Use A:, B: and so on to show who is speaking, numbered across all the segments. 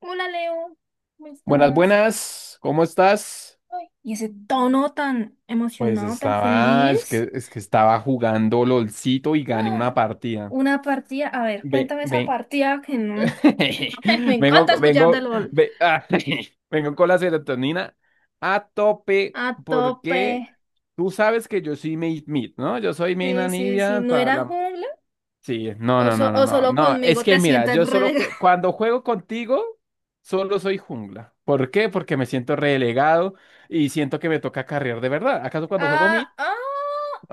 A: Hola Leo, ¿cómo
B: Buenas,
A: estás?
B: buenas, ¿cómo estás?
A: Ay, y ese tono tan
B: Pues
A: emocionado, tan
B: estaba, es
A: feliz.
B: que, es que estaba jugando LOLcito y gané una
A: Ah,
B: partida.
A: una partida, a ver,
B: Ve,
A: cuéntame esa
B: ven,
A: partida que no. Me
B: vengo,
A: encanta escuchar de
B: vengo,
A: LOL.
B: ve- ah, vengo con la serotonina a tope
A: A tope.
B: porque tú sabes que yo soy Made Mid, ¿no? Yo soy Main
A: Sí, sí, sí,
B: Anivia.
A: ¿no era jungla?
B: Sí, no,
A: ¿O,
B: no, no, no,
A: o
B: no,
A: solo
B: no, es
A: conmigo
B: que
A: te
B: mira,
A: sientes relegado?
B: cuando juego contigo, solo soy jungla. ¿Por qué? Porque me siento relegado y siento que me toca carrear de verdad. ¿Acaso cuando juego
A: Ah,
B: mid?
A: ah,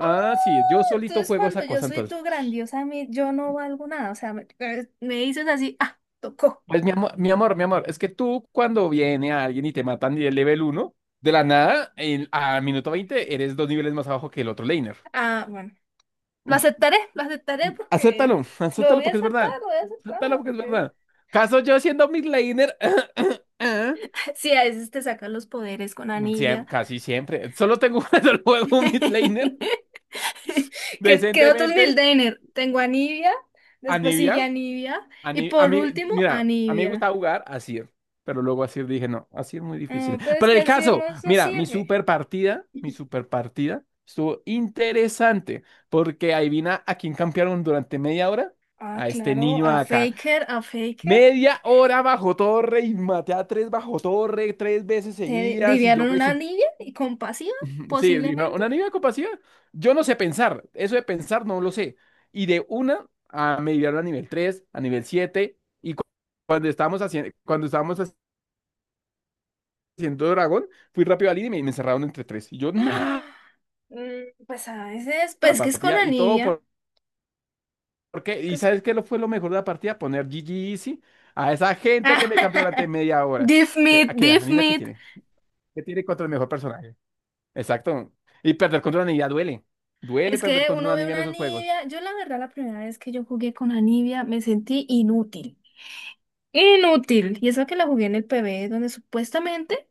A: ah.
B: sí, yo solito
A: Entonces
B: juego
A: cuando
B: esa
A: yo
B: cosa
A: soy
B: entonces.
A: tu grandiosa, yo no valgo nada. O sea, me dices así, ah, tocó.
B: Pues mi amor, mi amor, mi amor, es que tú cuando viene a alguien y te matan de level 1, de la nada, a minuto 20 eres 2 niveles más abajo que el otro laner.
A: Ah, bueno. Lo aceptaré porque
B: Acéptalo,
A: lo
B: acéptalo
A: voy a
B: porque es verdad.
A: aceptar, lo voy a aceptar,
B: Acéptalo porque es
A: porque
B: verdad. ¿Caso yo siendo mid laner?
A: sí, a veces te sacan los poderes con Anivia.
B: Casi siempre. Solo tengo un solo juego, un mid laner,
A: ¿Qué otros
B: decentemente.
A: Mildener? Tengo Anivia, después sigue
B: Anivia.
A: Anivia y
B: A
A: por
B: mí,
A: último
B: mira, a mí me
A: Anivia.
B: gusta jugar Asir, pero luego Asir dije, no, Asir muy difícil.
A: Ah, pero es
B: Pero
A: que
B: el
A: así no,
B: caso,
A: no
B: mira,
A: sirve.
B: mi super partida estuvo interesante, porque adivina a quién campearon durante media hora.
A: Ah,
B: A este
A: claro,
B: niño
A: a
B: acá.
A: Faker, a Faker.
B: Media hora bajo torre y maté a tres bajo torre tres veces
A: ¿Te
B: seguidas y yo
A: deviaron una
B: pensé,
A: Anivia y compasiva,
B: sí, dijeron,
A: posiblemente?
B: ¿una niña con capacidad? Yo no sé pensar, eso de pensar no lo sé. Y de una a me llevaron a nivel 3 a nivel 7 y cuando estábamos haciendo Dragón, fui rápido al líder y me encerraron entre tres. Y yo, nada,
A: Ah, pues a veces,
B: la
A: pues que es con
B: partida, y todo
A: Anivia.
B: ¿por qué? ¿Y
A: Pues
B: sabes qué lo fue lo mejor de la partida? Poner GG Easy a esa gente que me cambió durante media hora.
A: Diff
B: Es que, ¿a
A: Meat,
B: qué?
A: Diff
B: ¿Anime qué
A: Meat.
B: tiene? ¿Qué tiene contra el mejor personaje? Exacto. Y perder contra una niña duele. Duele
A: Es
B: perder
A: que
B: contra
A: uno
B: una
A: ve
B: niña en
A: una
B: esos juegos.
A: Nivea. Yo, la verdad, la primera vez que yo jugué con la Nivea me sentí inútil. Inútil. Y eso que la jugué en el PB, donde supuestamente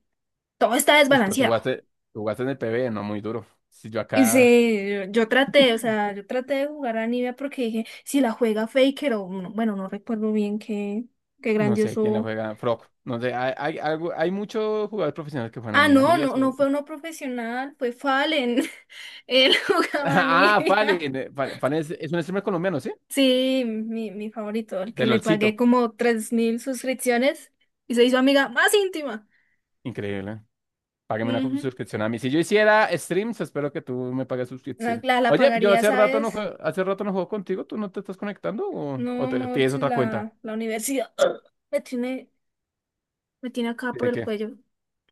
A: todo está
B: Uy, pero
A: desbalanceado.
B: tú jugaste en el PB, no muy duro. Si yo
A: Y
B: acá,
A: sí, yo traté, o sea, yo traté de jugar a Nivea porque dije, si la juega Faker o, no- bueno, no recuerdo bien qué
B: no sé quién la
A: grandioso.
B: juega, Frog. No sé, hay algo, hay muchos jugadores profesionales que juegan a
A: Ah,
B: Nibia.
A: no,
B: Nibia
A: no,
B: es
A: no fue uno profesional, fue Fallen. Él jugaba a
B: Ah,
A: Nivea.
B: Fallen. Fallen, Fallen es un streamer colombiano, ¿sí?
A: Sí, mi favorito, el que
B: De
A: le pagué
B: LOLcito.
A: como 3.000 suscripciones y se hizo amiga más íntima.
B: Increíble. ¿Eh? Págame una
A: Ujú.
B: suscripción a mí. Si yo hiciera streams, espero que tú me pagues
A: La,
B: suscripción.
A: la, la
B: Oye, yo
A: pagaría,
B: hace rato
A: ¿sabes?
B: no juego, hace rato no juego contigo. ¿Tú no te estás conectando o, o
A: No,
B: te- tienes
A: Morchis,
B: otra cuenta?
A: la universidad me tiene, me tiene acá por
B: ¿De
A: el
B: qué?
A: cuello.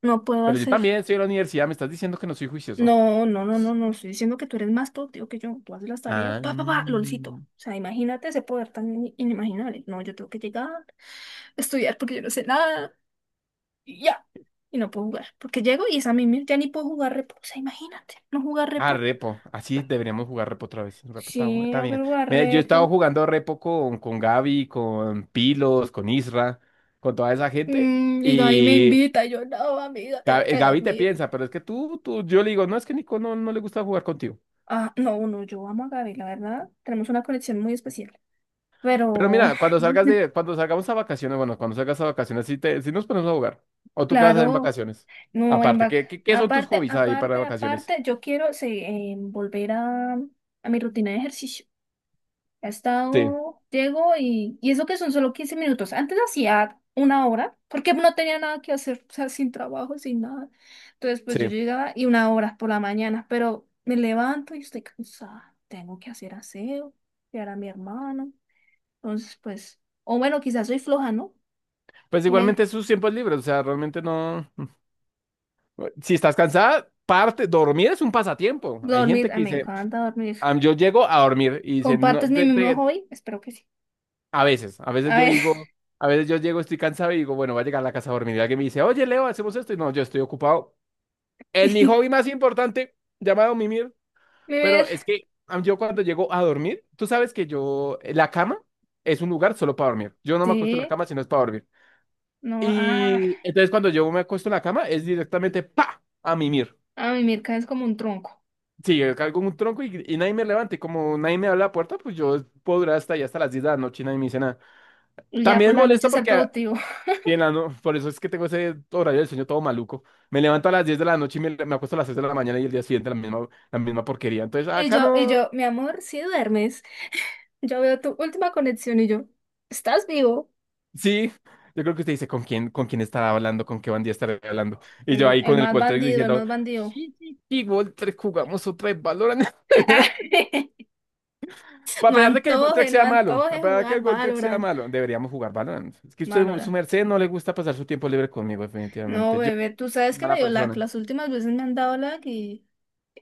A: No puedo
B: Pero yo
A: hacer.
B: también estoy en la universidad. Me estás diciendo que no soy juicioso.
A: No, no, no, no, no. Estoy diciendo que tú eres más productivo que yo. Tú haces las tareas,
B: Ah.
A: pa, pa, pa, lolcito. O sea, imagínate ese poder tan inimaginable. No, yo tengo que llegar, estudiar porque yo no sé nada. Y ya. Y no puedo jugar. Porque llego y esa misma ya ni puedo jugar repo. O sea, imagínate, no jugar
B: Ah,
A: repo.
B: repo. Así deberíamos jugar repo otra vez. Repo está,
A: Sí,
B: está
A: no
B: bien.
A: quiero jugar
B: Mira, yo he estado
A: repo.
B: jugando repo con Gaby, con Pilos, con Isra, con toda esa gente.
A: Y Gaby me
B: Y
A: invita, y yo no, amiga, tengo que
B: Gaby te
A: dormir.
B: piensa, pero es que tú, yo le digo, no, es que Nico no, no le gusta jugar contigo.
A: Ah, no, no, yo amo a Gaby, la verdad. Tenemos una conexión muy especial.
B: Pero
A: Pero,
B: mira, cuando salgamos a vacaciones, bueno, cuando salgas a vacaciones, sí, sí nos ponemos a jugar. ¿O tú qué vas a hacer en
A: claro,
B: vacaciones?
A: no, en
B: Aparte,
A: back.
B: ¿qué son tus
A: Aparte,
B: hobbies ahí para
A: aparte,
B: vacaciones?
A: aparte, yo quiero sí, volver a mi rutina de ejercicio. Ha
B: Sí,
A: estado, llego y eso que son solo 15 minutos. Antes hacía 1 hora, porque no tenía nada que hacer, o sea, sin trabajo, sin nada. Entonces, pues yo
B: sí.
A: llegaba y 1 hora por la mañana, pero me levanto y estoy cansada. Tengo que hacer aseo, cuidar a mi hermano. Entonces, pues, o bueno, quizás soy floja, ¿no?
B: Pues igualmente
A: Me,
B: es sus tiempos libres, o sea, realmente no. Si estás cansada, parte, dormir es un pasatiempo. Hay
A: Dormir,
B: gente
A: ay,
B: que
A: me
B: dice,
A: encanta dormir.
B: "Am, yo llego a dormir y dice, no,
A: ¿Compartes mi mismo hobby? Espero que sí.
B: a veces,
A: A
B: yo
A: ver,
B: digo, a veces yo llego, estoy cansado y digo, bueno, voy a llegar a la casa a dormir. Y alguien me dice, oye, Leo, hacemos esto. Y no, yo estoy ocupado en mi hobby más importante, llamado mimir. Pero
A: vivir,
B: es que yo cuando llego a dormir, tú sabes que yo, la cama es un lugar solo para dormir. Yo no me acuesto en la
A: sí,
B: cama si no es para dormir.
A: no, ah,
B: Y entonces cuando yo me acuesto en la cama es directamente, pa, a mimir.
A: a mí Mirka es como un tronco.
B: Sí, yo cargo un tronco y nadie me levante. Como nadie me abre la puerta, pues yo puedo durar hasta allá, hasta las 10 de la noche y nadie me dice nada.
A: Y ya por
B: También
A: la noche
B: molesta
A: ser
B: porque,
A: productivo.
B: bien, no, por eso es que tengo ese horario del sueño todo maluco. Me levanto a las 10 de la noche y me acuesto a las 6 de la mañana y el día siguiente la misma porquería. Entonces,
A: Y
B: acá
A: yo, y
B: no.
A: yo, mi amor, si duermes, yo veo tu última conexión y yo, ¿estás vivo?
B: Sí, yo creo que usted dice con quién estará hablando, con qué bandía estará hablando. Y yo ahí
A: El
B: con el
A: más
B: Qualtrics
A: bandido, el
B: diciendo,
A: más bandido.
B: sí, sí, sí, Walter, jugamos otra vez Valorant. Pues a
A: No
B: pesar de que el World Trek
A: antoje, no
B: sea malo, a
A: antoje
B: pesar de que
A: jugar
B: el World Trek sea
A: Valorant.
B: malo, deberíamos jugar Valorant. Es que usted, su
A: Valorant.
B: merced, no le gusta pasar su tiempo libre conmigo,
A: No,
B: definitivamente. Yo
A: bebé, tú sabes
B: soy
A: que me
B: mala
A: dio lag.
B: persona.
A: Las últimas veces me han dado lag y,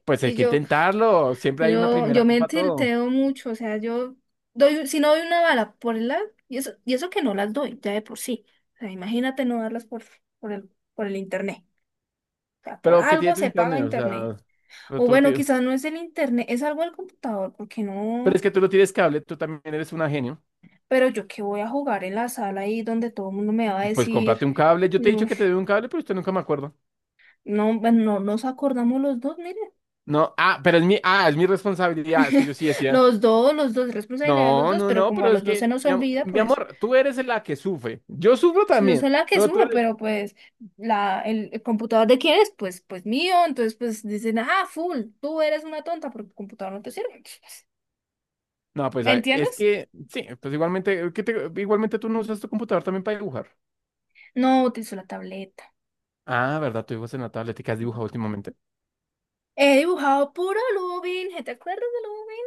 B: Pues hay
A: y
B: que
A: yo,
B: intentarlo. Siempre hay una
A: yo,
B: primera
A: yo
B: vez
A: me
B: para todo.
A: tilteo mucho. O sea, yo doy, si no doy una bala por el lag, y eso que no las doy, ya de por sí. O sea, imagínate no darlas por el, por el internet. O sea, por
B: Pero ¿qué tiene
A: algo
B: tu
A: se paga
B: internet? O
A: internet.
B: sea, pero
A: O
B: tú
A: bueno,
B: tienes-
A: quizás no es el internet, es algo del computador, porque
B: pero
A: no.
B: es que tú lo tienes cable, tú también eres una genio.
A: Pero yo qué voy a jugar en la sala ahí donde todo el mundo me va a
B: Pues cómprate
A: decir,
B: un cable. Yo te he
A: yo,
B: dicho que te doy un cable, pero usted nunca me acuerdo.
A: no, bueno, no nos acordamos los dos, miren.
B: No, pero es mi, es mi responsabilidad. Es que yo sí decía.
A: Los dos, responsabilidad de los
B: No,
A: dos,
B: no,
A: pero
B: no,
A: como a
B: pero es
A: los dos
B: que,
A: se nos olvida,
B: mi
A: pues
B: amor, tú eres la que sufre. Yo sufro
A: yo
B: también,
A: soy la que es
B: pero tú
A: uno,
B: eres.
A: pero pues el computador de quién es, pues, pues mío. Entonces, pues dicen, ah, full, tú eres una tonta porque el computador no te sirve.
B: No, pues
A: ¿Me
B: es
A: entiendes?
B: que, sí, pues igualmente, igualmente tú no usas tu computador también para dibujar.
A: No utilizo la tableta.
B: Ah, ¿verdad? Tú dibujas en la tablet. ¿Y qué has dibujado últimamente?
A: He dibujado puro Lubin. ¿Te acuerdas de Lubin?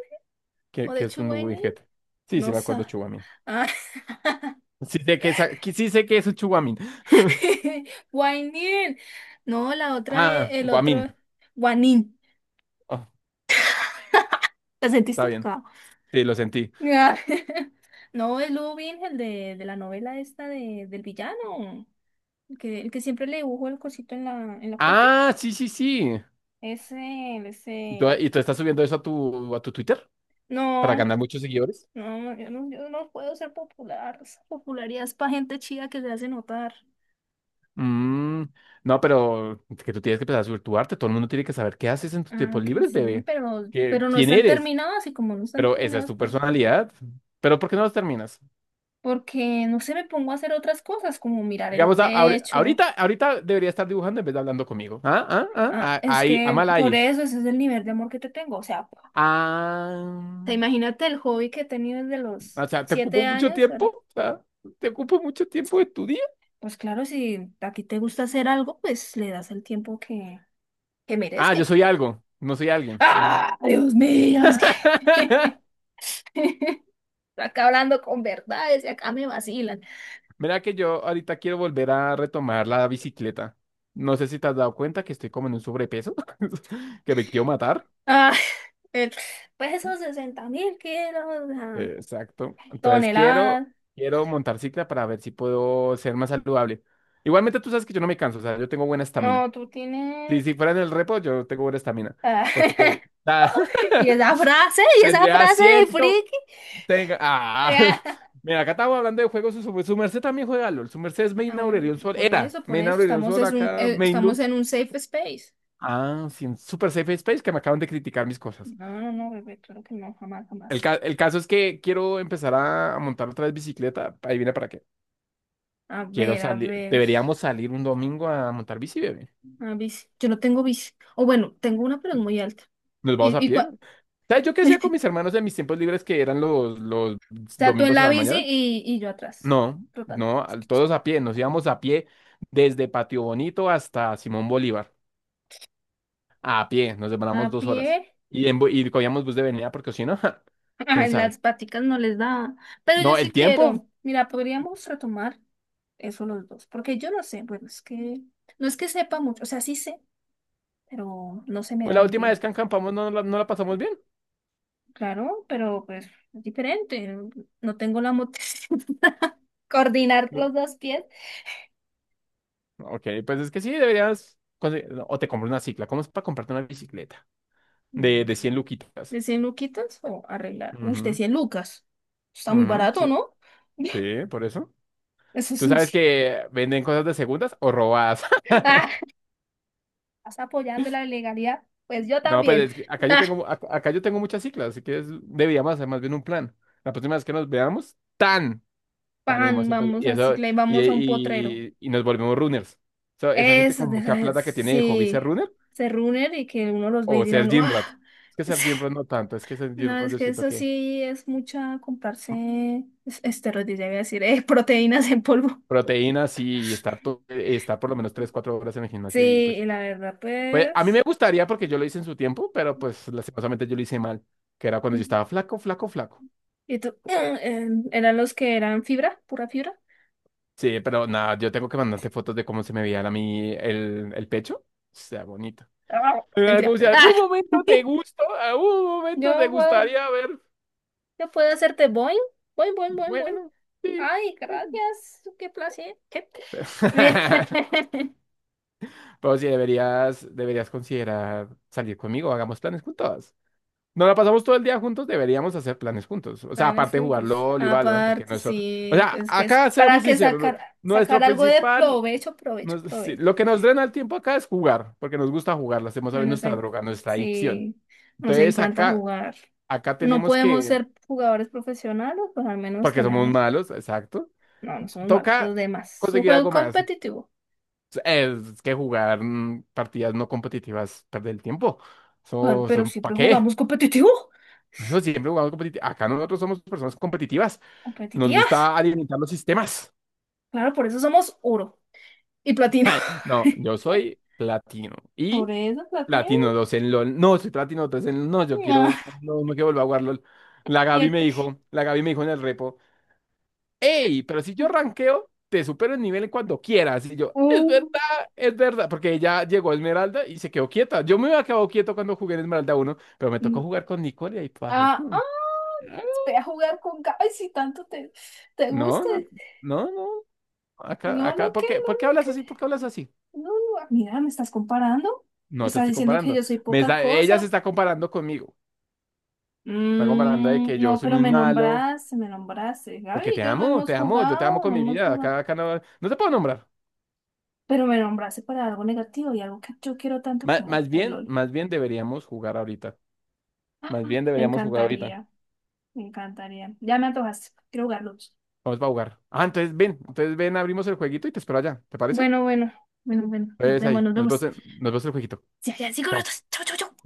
A: ¿O
B: Que
A: de
B: es un
A: Chuwainin?
B: juguete. Sí, sí,
A: No
B: me
A: sé.
B: acuerdo, Chuguamín.
A: Ah.
B: Sí sé que es, que sí sé que es un Chuguamín.
A: Wainin. No, la otra,
B: Ah,
A: el
B: Guamín.
A: otro. Wanin.
B: Oh,
A: ¿Te
B: está
A: sentiste
B: bien.
A: tocado?
B: Sí, lo sentí.
A: Ah. No, el Lubin, el de la novela esta de, del villano. El que siempre le dibujó el cosito en la frente.
B: Ah, sí, sí, sí.
A: Ese,
B: ¿Y tú,
A: ese.
B: y tú estás subiendo eso a tu Twitter para
A: No,
B: ganar muchos seguidores?
A: no, yo no, yo no puedo ser popular. Esa popularidad es para gente chida que se hace notar.
B: Mm, no, pero es que tú tienes que empezar a subir tu arte. Todo el mundo tiene que saber qué haces en tus
A: Ah,
B: tiempos
A: que
B: libres,
A: sí,
B: bebé.
A: pero, pero no
B: ¿Quién
A: están
B: eres?
A: terminados y como no están
B: Pero esa es
A: terminados,
B: tu
A: pues,
B: personalidad. Pero ¿por qué no los terminas?
A: porque no se me pongo a hacer otras cosas como mirar el
B: Digamos,
A: techo.
B: ahorita debería estar dibujando en vez de hablando conmigo.
A: Ah, es
B: Ahí, a
A: que
B: mal
A: por
B: ahí.
A: eso ese es el nivel de amor que te tengo. O sea,
B: Ah,
A: te imagínate el hobby que he tenido desde los
B: o sea, ¿te ocupo
A: siete
B: mucho
A: años,
B: tiempo?
A: ¿verdad?
B: O sea, ¿te ocupo mucho tiempo de tu día?
A: Pues claro, si a ti te gusta hacer algo, pues le das el tiempo que
B: Yo
A: merece.
B: soy algo, no soy alguien. Mm.
A: ¡Ah! Dios mío, es que estoy acá hablando con verdades y acá me vacilan.
B: Mira que yo ahorita quiero volver a retomar la bicicleta. No sé si te has dado cuenta que estoy como en un sobrepeso, que me quiero matar.
A: ah El- pues esos 60 mil kilos, ah,
B: Exacto. Entonces quiero,
A: toneladas.
B: quiero montar cicla para ver si puedo ser más saludable. Igualmente tú sabes que yo no me canso, o sea, yo tengo buena estamina.
A: No, tú
B: Si,
A: tienes.
B: si fuera en el repo, yo tengo buena estamina.
A: ah,
B: Porque pues, ta-
A: Y esa
B: tendría
A: frase de
B: asiento,
A: friki.
B: tenga.
A: Ya.
B: Mira, acá estamos hablando de juegos, su merced también juega LOL. Su merced es
A: Ah,
B: Main
A: bueno,
B: Aurelion Sol, era
A: por
B: Main
A: eso,
B: Aurelion Sol acá, Main
A: estamos
B: Lux.
A: en un safe space.
B: Ah, sí, en Super Safe Space que me acaban de criticar mis cosas.
A: No, no, no, bebé, claro que no, jamás,
B: El,
A: jamás.
B: ca- el caso es que quiero empezar a montar otra vez bicicleta, ahí viene para qué.
A: A
B: Quiero
A: ver, a
B: salir,
A: ver.
B: deberíamos salir un domingo a montar bici, bebé.
A: Ah, bici. Yo no tengo bici. O bueno, tengo una, pero es muy alta.
B: Nos vamos
A: Y,
B: a
A: y
B: pie.
A: cua-
B: ¿Sabes yo qué hacía con mis hermanos en mis tiempos libres que eran los
A: O sea, tú en
B: domingos a
A: la
B: la
A: bici
B: mañana?
A: y yo atrás,
B: No,
A: trotando.
B: no, todos a pie. Nos íbamos a pie desde Patio Bonito hasta Simón Bolívar. A pie, nos
A: A
B: demoramos 2 horas.
A: pie.
B: Y cogíamos bus de venida porque si no, ja, quién
A: Ay, las
B: sabe.
A: paticas no les da. Pero yo
B: No,
A: sí
B: el tiempo,
A: quiero. Mira, podríamos retomar eso los dos. Porque yo no sé, bueno, es que no es que sepa mucho. O sea, sí sé, pero no se me
B: pues
A: da
B: la
A: muy
B: última vez
A: bien.
B: que acampamos no, no la pasamos bien.
A: Claro, pero pues es diferente. No No tengo la motricidad. Coordinar
B: Bu-
A: los dos pies.
B: Ok, pues es que sí, deberías o te compras una cicla. ¿Cómo es para comprarte una bicicleta? De,
A: Mm.
B: de 100 luquitas.
A: ¿De 100 luquitas o arreglar? Uy, de
B: Ujú,
A: 100 lucas. Está muy
B: ujú,
A: barato,
B: sí,
A: ¿no?
B: sí, por eso.
A: Eso es
B: ¿Tú
A: no
B: sabes
A: sé.
B: que venden cosas de segundas o robadas?
A: Ah, estás apoyando la legalidad. Pues yo
B: No, pues
A: también.
B: es que acá yo tengo, acá yo tengo muchas ciclas, así que deberíamos hacer más bien un plan. La próxima vez que nos veamos, tan salimos
A: Pan,
B: y, pues,
A: vamos
B: y
A: a
B: eso
A: Cicla y
B: y,
A: vamos a un potrero.
B: y- y nos volvemos runners. So, esa gente
A: Eso,
B: con
A: de
B: mucha
A: esas,
B: plata que tiene de hobby ser
A: sí,
B: runner
A: se reúnen y que uno los ve y
B: o ser
A: dirán,
B: gym
A: ¡guau!
B: rat. Es que ser
A: Sí.
B: gym rat no tanto, es que ser gym
A: No,
B: rat
A: es
B: yo
A: que
B: siento
A: eso
B: que
A: sí es mucha comprarse esteroides, ya iba a decir, proteínas en polvo.
B: proteínas y estar, estar por lo menos 3 4 horas en el
A: Sí,
B: gimnasio y pues.
A: y la verdad,
B: Pues a mí
A: pues.
B: me gustaría porque yo lo hice en su tiempo, pero pues lastimosamente yo lo hice mal, que era cuando yo
A: Sí.
B: estaba flaco, flaco, flaco.
A: ¿Y tú? ¿Eran los que eran fibra? ¿Pura fibra?
B: Sí, pero nada, yo tengo que mandarte fotos de cómo se me veía a mí el pecho. Sea bonito.
A: ¡Ah!
B: En
A: Mentira.
B: algún, si
A: ¡Ah!
B: algún momento te gustó, algún momento te
A: Yo, güey,
B: gustaría ver.
A: yo puedo hacerte boing, boing, boing, boing, boing.
B: Bueno, sí.
A: Ay, gracias, qué placer. Bien.
B: Pero sí, deberías considerar salir conmigo, hagamos planes juntos. Nos la pasamos todo el día juntos, deberíamos hacer planes juntos. O sea,
A: Planes
B: aparte de jugar
A: juntos.
B: LOL y Valorant, porque
A: Aparte,
B: nuestro. O
A: sí,
B: sea,
A: pues que eso.
B: acá
A: Para
B: seamos
A: que
B: sinceros,
A: sacar
B: nuestro
A: algo de
B: principal.
A: provecho, provecho,
B: Sí,
A: provecho.
B: lo que nos drena el tiempo acá es jugar, porque nos gusta jugar, lo hacemos a
A: No
B: ver
A: Nos
B: nuestra
A: en-
B: droga, nuestra adicción.
A: sí, nos
B: Entonces
A: encanta
B: acá,
A: jugar.
B: acá
A: No
B: tenemos
A: podemos
B: que,
A: ser jugadores profesionales, pues al menos
B: porque somos
A: tenemos.
B: malos, exacto,
A: No, no somos malos, los
B: toca
A: demás. Es un
B: conseguir
A: juego
B: algo más.
A: competitivo.
B: Es que jugar partidas no competitivas, perder el tiempo.
A: Ah,
B: Eso,
A: pero
B: ¿para
A: siempre
B: qué?
A: jugamos competitivo.
B: Por eso siempre jugamos competitivo. Acá nosotros somos personas competitivas. Nos
A: Competitivas.
B: gusta alimentar los sistemas.
A: Claro, por eso somos oro y platino.
B: Ay, no, yo soy platino.
A: Por
B: Y
A: eso platino.
B: platino 2 en LOL. No, soy platino 3 en LOL. No, yo quiero.
A: Ah,
B: No, no quiero volver a jugar LOL. La
A: y
B: Gaby me
A: este-
B: dijo, la Gaby me dijo en el repo, hey, pero si yo rankeo, te supero el nivel cuando quieras. Y yo, es verdad, es verdad. Porque ella llegó a Esmeralda y se quedó quieta. Yo me había quedado quieto cuando jugué en Esmeralda 1 pero me tocó
A: Mm.
B: jugar con Nicole y ahí paje.
A: Ah,
B: No,
A: ah, ve a jugar con Gaby si tanto te
B: no,
A: gusta.
B: no, no.
A: No, no,
B: ¿Por
A: ¿qué?
B: qué?
A: No,
B: ¿Por qué
A: no, ¿qué?
B: hablas así? ¿Por qué hablas así?
A: No, no, ah, mira, ¿me estás comparando?
B: No te
A: ¿Estás
B: estoy
A: diciendo que
B: comparando.
A: yo soy
B: Me
A: poca
B: está, ella se
A: cosa?
B: está comparando conmigo. Está comparando de que yo
A: No,
B: soy
A: pero
B: muy
A: me
B: malo,
A: nombraste, me nombraste. Gaby
B: porque
A: y yo no hemos
B: te amo, yo te amo
A: jugado,
B: con
A: no
B: mi
A: hemos
B: vida.
A: jugado.
B: Acá, no, no te puedo nombrar.
A: Pero me nombraste para algo negativo y algo que yo quiero tanto como el LOL.
B: Más bien deberíamos jugar ahorita.
A: Ah,
B: Más bien
A: me
B: deberíamos jugar ahorita.
A: encantaría, me encantaría. Ya me antojaste, quiero jugarlos.
B: Vamos a jugar. Ah, entonces ven, abrimos el jueguito y te espero allá. ¿Te parece?
A: Bueno, bueno, bueno, bueno, nos
B: Entonces
A: vemos,
B: ahí,
A: nos vemos.
B: nos vemos en el jueguito.
A: Ya, ya, cinco
B: Chao.
A: minutos. Chau, chau, chau.